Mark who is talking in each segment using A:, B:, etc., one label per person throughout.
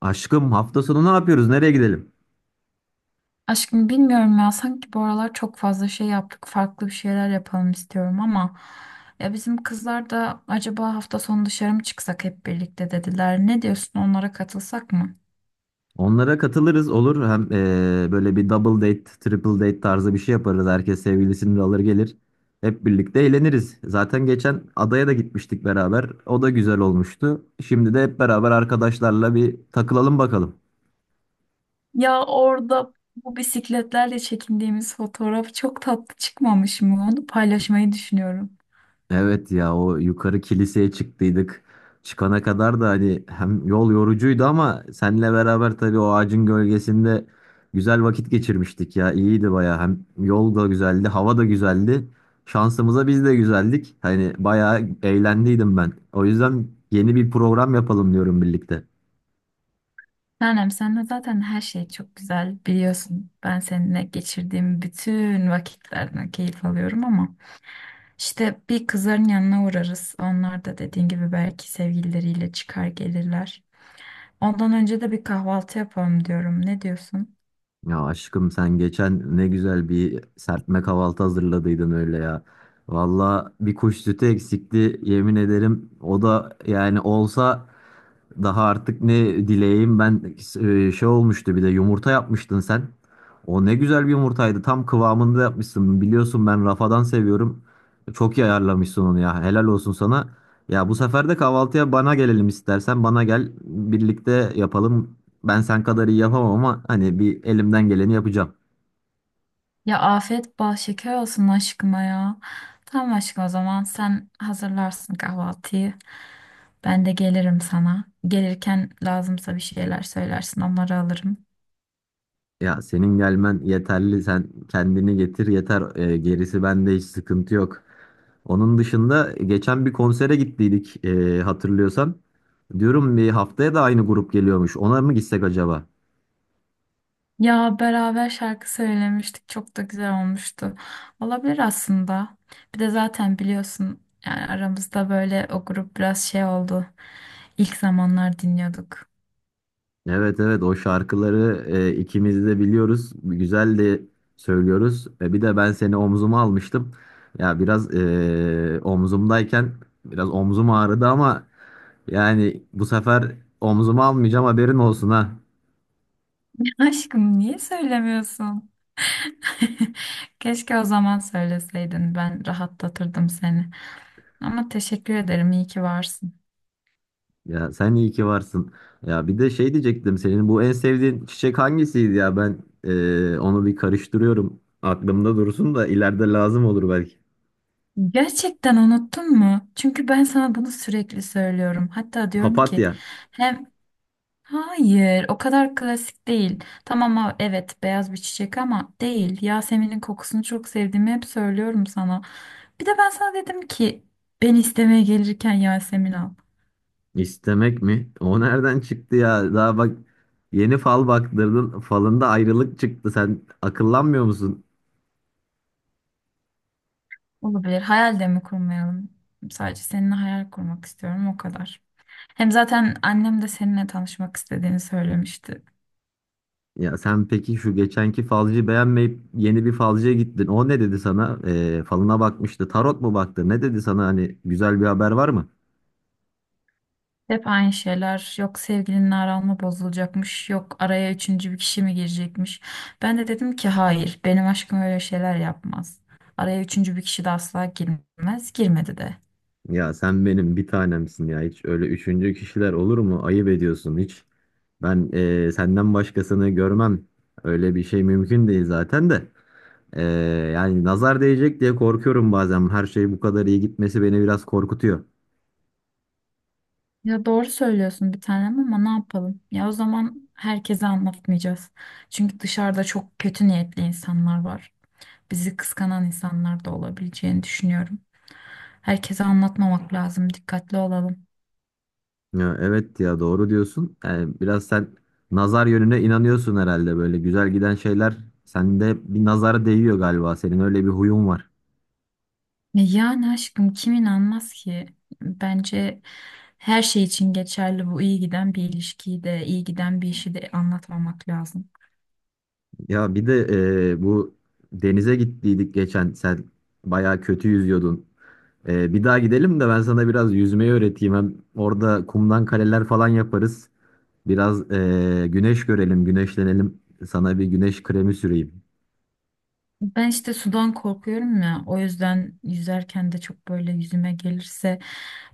A: Aşkım hafta sonu ne yapıyoruz? Nereye gidelim?
B: Aşkım bilmiyorum ya sanki bu aralar çok fazla şey yaptık farklı bir şeyler yapalım istiyorum ama ya bizim kızlar da acaba hafta sonu dışarı mı çıksak hep birlikte dediler. Ne diyorsun onlara katılsak mı?
A: Onlara katılırız, olur. Hem böyle bir double date, triple date tarzı bir şey yaparız. Herkes sevgilisini de alır gelir. Hep birlikte eğleniriz. Zaten geçen adaya da gitmiştik beraber. O da güzel olmuştu. Şimdi de hep beraber arkadaşlarla bir takılalım bakalım.
B: Ya orada bu bisikletlerle çekindiğimiz fotoğraf çok tatlı çıkmamış mı? Onu paylaşmayı düşünüyorum.
A: Evet ya, o yukarı kiliseye çıktıydık. Çıkana kadar da hani hem yol yorucuydu, ama seninle beraber tabii o ağacın gölgesinde güzel vakit geçirmiştik ya. İyiydi baya. Hem yol da güzeldi, hava da güzeldi. Şansımıza biz de güzeldik. Hani bayağı eğlendiydim ben. O yüzden yeni bir program yapalım diyorum birlikte.
B: Tanem senle zaten her şey çok güzel biliyorsun. Ben seninle geçirdiğim bütün vakitlerden keyif alıyorum ama. İşte bir kızların yanına uğrarız. Onlar da dediğin gibi belki sevgilileriyle çıkar gelirler. Ondan önce de bir kahvaltı yapalım diyorum. Ne diyorsun?
A: Ya aşkım, sen geçen ne güzel bir serpme kahvaltı hazırladıydın öyle ya. Valla bir kuş sütü eksikti, yemin ederim. O da yani olsa daha artık ne dileyeyim ben. Şey olmuştu, bir de yumurta yapmıştın sen. O ne güzel bir yumurtaydı, tam kıvamında yapmışsın. Biliyorsun ben rafadan seviyorum. Çok iyi ayarlamışsın onu ya, helal olsun sana. Ya bu sefer de kahvaltıya bana gelelim, istersen bana gel, birlikte yapalım. Ben sen kadar iyi yapamam ama hani bir elimden geleni yapacağım.
B: Ya afiyet bal şeker olsun aşkıma ya. Tamam aşkım o zaman sen hazırlarsın kahvaltıyı. Ben de gelirim sana. Gelirken lazımsa bir şeyler söylersin onları alırım.
A: Ya senin gelmen yeterli. Sen kendini getir yeter. Gerisi bende, hiç sıkıntı yok. Onun dışında geçen bir konsere gittiydik hatırlıyorsan. Diyorum bir haftaya da aynı grup geliyormuş. Ona mı gitsek acaba?
B: Ya beraber şarkı söylemiştik. Çok da güzel olmuştu. Olabilir aslında. Bir de zaten biliyorsun yani aramızda böyle o grup biraz şey oldu. İlk zamanlar dinliyorduk.
A: Evet, evet, o şarkıları ikimiz de biliyoruz. Güzel de söylüyoruz. Bir de ben seni omzuma almıştım. Ya biraz omzumdayken biraz omzum ağrıdı ama yani bu sefer omzuma almayacağım, haberin olsun ha.
B: Aşkım niye söylemiyorsun? Keşke o zaman söyleseydin. Ben rahatlatırdım seni. Ama teşekkür ederim. İyi ki varsın.
A: Ya sen iyi ki varsın. Ya bir de şey diyecektim, senin bu en sevdiğin çiçek hangisiydi ya? Ben onu bir karıştırıyorum. Aklımda dursun da ileride lazım olur belki.
B: Gerçekten unuttun mu? Çünkü ben sana bunu sürekli söylüyorum. Hatta diyorum ki
A: Papatya.
B: hem Hayır, o kadar klasik değil. Tamam evet beyaz bir çiçek ama değil. Yasemin'in kokusunu çok sevdiğimi hep söylüyorum sana. Bir de ben sana dedim ki ben istemeye gelirken Yasemin al.
A: İstemek mi? O nereden çıktı ya? Daha bak, yeni fal baktırdın. Falında ayrılık çıktı. Sen akıllanmıyor musun?
B: Olabilir. Hayal de mi kurmayalım? Sadece seninle hayal kurmak istiyorum o kadar. Hem zaten annem de seninle tanışmak istediğini söylemişti.
A: Ya sen peki şu geçenki falcıyı beğenmeyip yeni bir falcıya gittin. O ne dedi sana? Falına bakmıştı. Tarot mu baktı? Ne dedi sana? Hani güzel bir haber var mı?
B: Hep aynı şeyler. Yok sevgilinin aranma bozulacakmış. Yok araya üçüncü bir kişi mi girecekmiş. Ben de dedim ki hayır benim aşkım öyle şeyler yapmaz. Araya üçüncü bir kişi de asla girmez. Girmedi de.
A: Ya sen benim bir tanemsin ya. Hiç öyle üçüncü kişiler olur mu? Ayıp ediyorsun hiç. Ben senden başkasını görmem. Öyle bir şey mümkün değil zaten de. Ee, Yani nazar değecek diye korkuyorum bazen. Her şey bu kadar iyi gitmesi beni biraz korkutuyor.
B: Ya doğru söylüyorsun bir tanem ama ne yapalım? Ya o zaman herkese anlatmayacağız. Çünkü dışarıda çok kötü niyetli insanlar var. Bizi kıskanan insanlar da olabileceğini düşünüyorum. Herkese anlatmamak lazım. Dikkatli olalım.
A: Ya evet ya, doğru diyorsun. Yani biraz sen nazar yönüne inanıyorsun herhalde, böyle güzel giden şeyler sende bir nazara değiyor galiba. Senin öyle bir huyun var.
B: E yani aşkım kim inanmaz ki? Bence her şey için geçerli bu iyi giden bir ilişkiyi de iyi giden bir işi de anlatmamak lazım.
A: Ya bir de bu denize gittiydik geçen, sen bayağı kötü yüzüyordun. Bir daha gidelim de ben sana biraz yüzmeyi öğreteyim. Hem orada kumdan kaleler falan yaparız. Biraz güneş görelim, güneşlenelim. Sana bir güneş kremi süreyim.
B: Ben işte sudan korkuyorum ya o yüzden yüzerken de çok böyle yüzüme gelirse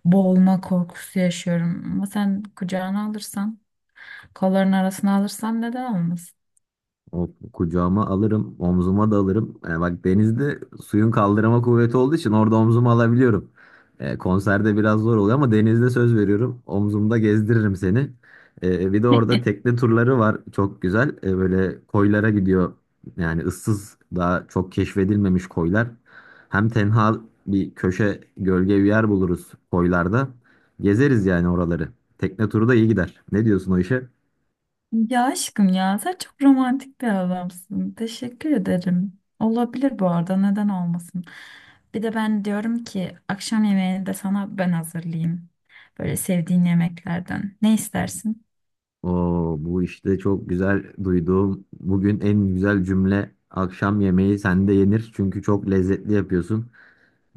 B: boğulma korkusu yaşıyorum. Ama sen kucağına alırsan kolların arasına alırsan neden olmasın?
A: O kucağıma alırım, omzuma da alırım. Yani bak, denizde suyun kaldırma kuvveti olduğu için orada omzuma alabiliyorum. Konserde biraz zor oluyor ama denizde söz veriyorum, omzumda gezdiririm seni. Bir de orada tekne turları var. Çok güzel. Böyle koylara gidiyor. Yani ıssız, daha çok keşfedilmemiş koylar. Hem tenha bir köşe, gölge bir yer buluruz koylarda. Gezeriz yani oraları. Tekne turu da iyi gider. Ne diyorsun o işe?
B: Ya aşkım ya sen çok romantik bir adamsın. Teşekkür ederim. Olabilir bu arada neden olmasın. Bir de ben diyorum ki akşam yemeğini de sana ben hazırlayayım. Böyle sevdiğin yemeklerden. Ne istersin?
A: Oo, bu işte çok güzel, duyduğum bugün en güzel cümle. Akşam yemeği sende yenir çünkü çok lezzetli yapıyorsun.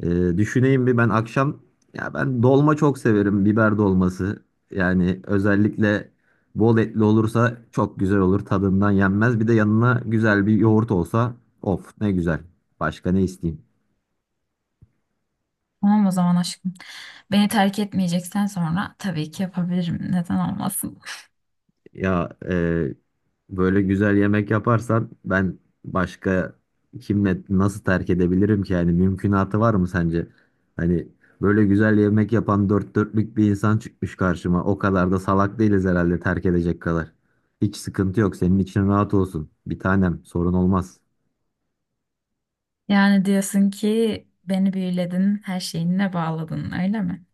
A: Düşüneyim bir ben akşam. Ya ben dolma çok severim, biber dolması, yani özellikle bol etli olursa çok güzel olur, tadından yenmez. Bir de yanına güzel bir yoğurt olsa, of ne güzel. Başka ne isteyeyim.
B: Tamam o zaman aşkım. Beni terk etmeyeceksen sonra tabii ki yapabilirim. Neden olmasın?
A: Ya böyle güzel yemek yaparsan ben başka kimle nasıl terk edebilirim ki? Yani mümkünatı var mı sence? Hani böyle güzel yemek yapan dört dörtlük bir insan çıkmış karşıma. O kadar da salak değiliz herhalde terk edecek kadar. Hiç sıkıntı yok. Senin için rahat olsun. Bir tanem, sorun olmaz.
B: Yani diyorsun ki beni büyüledin, her şeyinle bağladın öyle mi?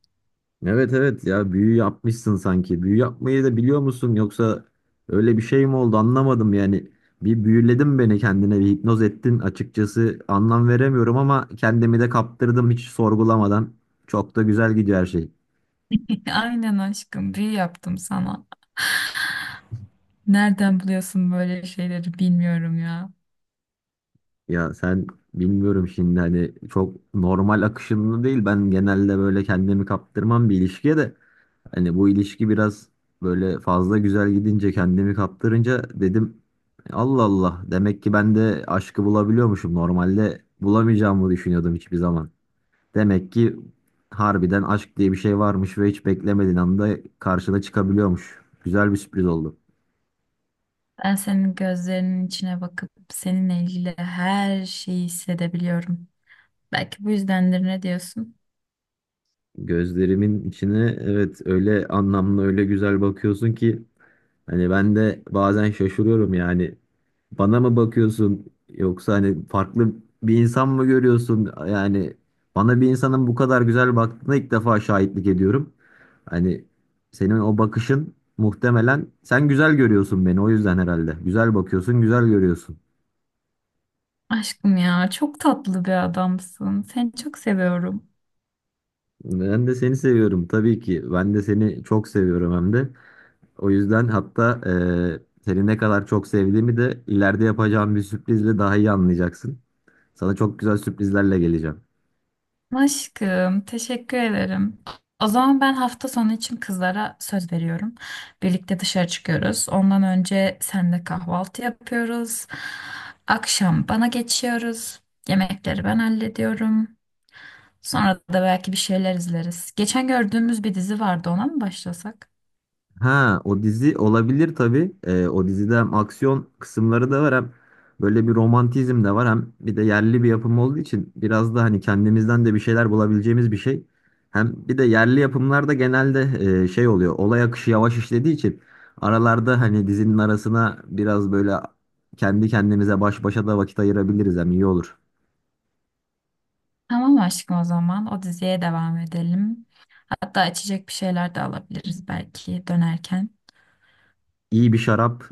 A: Evet, evet ya, büyü yapmışsın sanki. Büyü yapmayı da biliyor musun, yoksa öyle bir şey mi oldu anlamadım yani. Bir büyüledin beni kendine, bir hipnoz ettin, açıkçası anlam veremiyorum ama kendimi de kaptırdım hiç sorgulamadan. Çok da güzel gidiyor her şey.
B: Aynen aşkım büyü yaptım sana. Nereden buluyorsun böyle şeyleri bilmiyorum ya.
A: Ya sen, bilmiyorum şimdi, hani çok normal akışında değil. Ben genelde böyle kendimi kaptırmam bir ilişkiye de. Hani bu ilişki biraz böyle fazla güzel gidince, kendimi kaptırınca dedim Allah Allah, demek ki ben de aşkı bulabiliyormuşum. Normalde bulamayacağımı düşünüyordum hiçbir zaman. Demek ki harbiden aşk diye bir şey varmış ve hiç beklemediğin anda karşına çıkabiliyormuş. Güzel bir sürpriz oldu.
B: Ben senin gözlerinin içine bakıp seninle ilgili her şeyi hissedebiliyorum. Belki bu yüzdendir ne diyorsun?
A: Gözlerimin içine, evet, öyle anlamlı, öyle güzel bakıyorsun ki hani ben de bazen şaşırıyorum yani. Bana mı bakıyorsun yoksa hani farklı bir insan mı görüyorsun? Yani bana bir insanın bu kadar güzel baktığına ilk defa şahitlik ediyorum. Hani senin o bakışın, muhtemelen sen güzel görüyorsun beni, o yüzden herhalde. Güzel bakıyorsun, güzel görüyorsun.
B: Aşkım ya çok tatlı bir adamsın. Seni çok seviyorum.
A: Ben de seni seviyorum tabii ki. Ben de seni çok seviyorum, hem de. O yüzden, hatta seni ne kadar çok sevdiğimi de ileride yapacağım bir sürprizle daha iyi anlayacaksın. Sana çok güzel sürprizlerle geleceğim.
B: Aşkım teşekkür ederim. O zaman ben hafta sonu için kızlara söz veriyorum. Birlikte dışarı çıkıyoruz. Ondan önce seninle kahvaltı yapıyoruz. Akşam bana geçiyoruz. Yemekleri ben hallediyorum. Sonra da belki bir şeyler izleriz. Geçen gördüğümüz bir dizi vardı, ona mı başlasak?
A: Ha, o dizi olabilir tabii. O dizide hem aksiyon kısımları da var, hem böyle bir romantizm de var, hem bir de yerli bir yapım olduğu için biraz da hani kendimizden de bir şeyler bulabileceğimiz bir şey. Hem bir de yerli yapımlarda genelde şey oluyor, olay akışı yavaş işlediği için aralarda hani dizinin arasına biraz böyle kendi kendimize baş başa da vakit ayırabiliriz, hem iyi olur.
B: Tamam aşkım o zaman. O diziye devam edelim. Hatta içecek bir şeyler de alabiliriz belki dönerken.
A: İyi bir şarap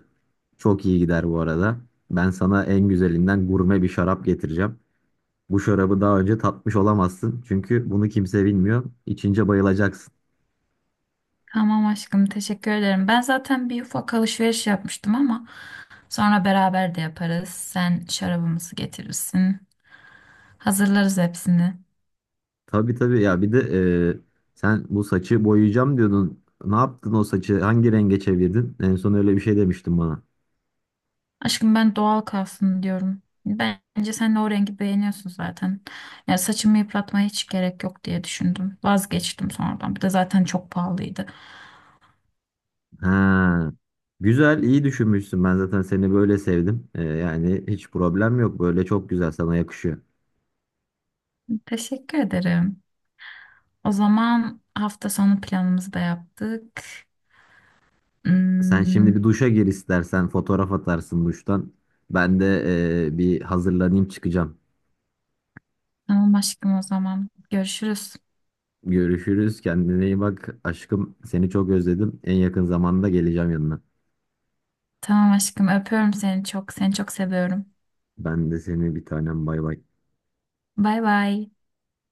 A: çok iyi gider bu arada. Ben sana en güzelinden gurme bir şarap getireceğim. Bu şarabı daha önce tatmış olamazsın, çünkü bunu kimse bilmiyor. İçince bayılacaksın.
B: Tamam aşkım teşekkür ederim. Ben zaten bir ufak alışveriş yapmıştım ama sonra beraber de yaparız. Sen şarabımızı getirirsin. Hazırlarız hepsini.
A: Tabii, tabii ya, bir de sen bu saçı boyayacağım diyordun. Ne yaptın o saçı? Hangi renge çevirdin? En son öyle bir şey demiştin bana.
B: Aşkım ben doğal kalsın diyorum. Bence sen de o rengi beğeniyorsun zaten. Ya saçımı yıpratmaya hiç gerek yok diye düşündüm. Vazgeçtim sonradan. Bir de zaten çok pahalıydı.
A: Ha. Güzel, iyi düşünmüşsün. Ben zaten seni böyle sevdim. Yani hiç problem yok. Böyle çok güzel, sana yakışıyor.
B: Teşekkür ederim. O zaman hafta sonu planımızı da yaptık.
A: Sen
B: Hmm,
A: şimdi bir duşa gir istersen. Fotoğraf atarsın duştan. Ben de bir hazırlanayım, çıkacağım.
B: tamam aşkım o zaman. Görüşürüz.
A: Görüşürüz. Kendine iyi bak. Aşkım seni çok özledim. En yakın zamanda geleceğim yanına.
B: Tamam aşkım öpüyorum seni çok. Seni çok seviyorum.
A: Ben de seni, bir tanem, bay bay.
B: Bay bay.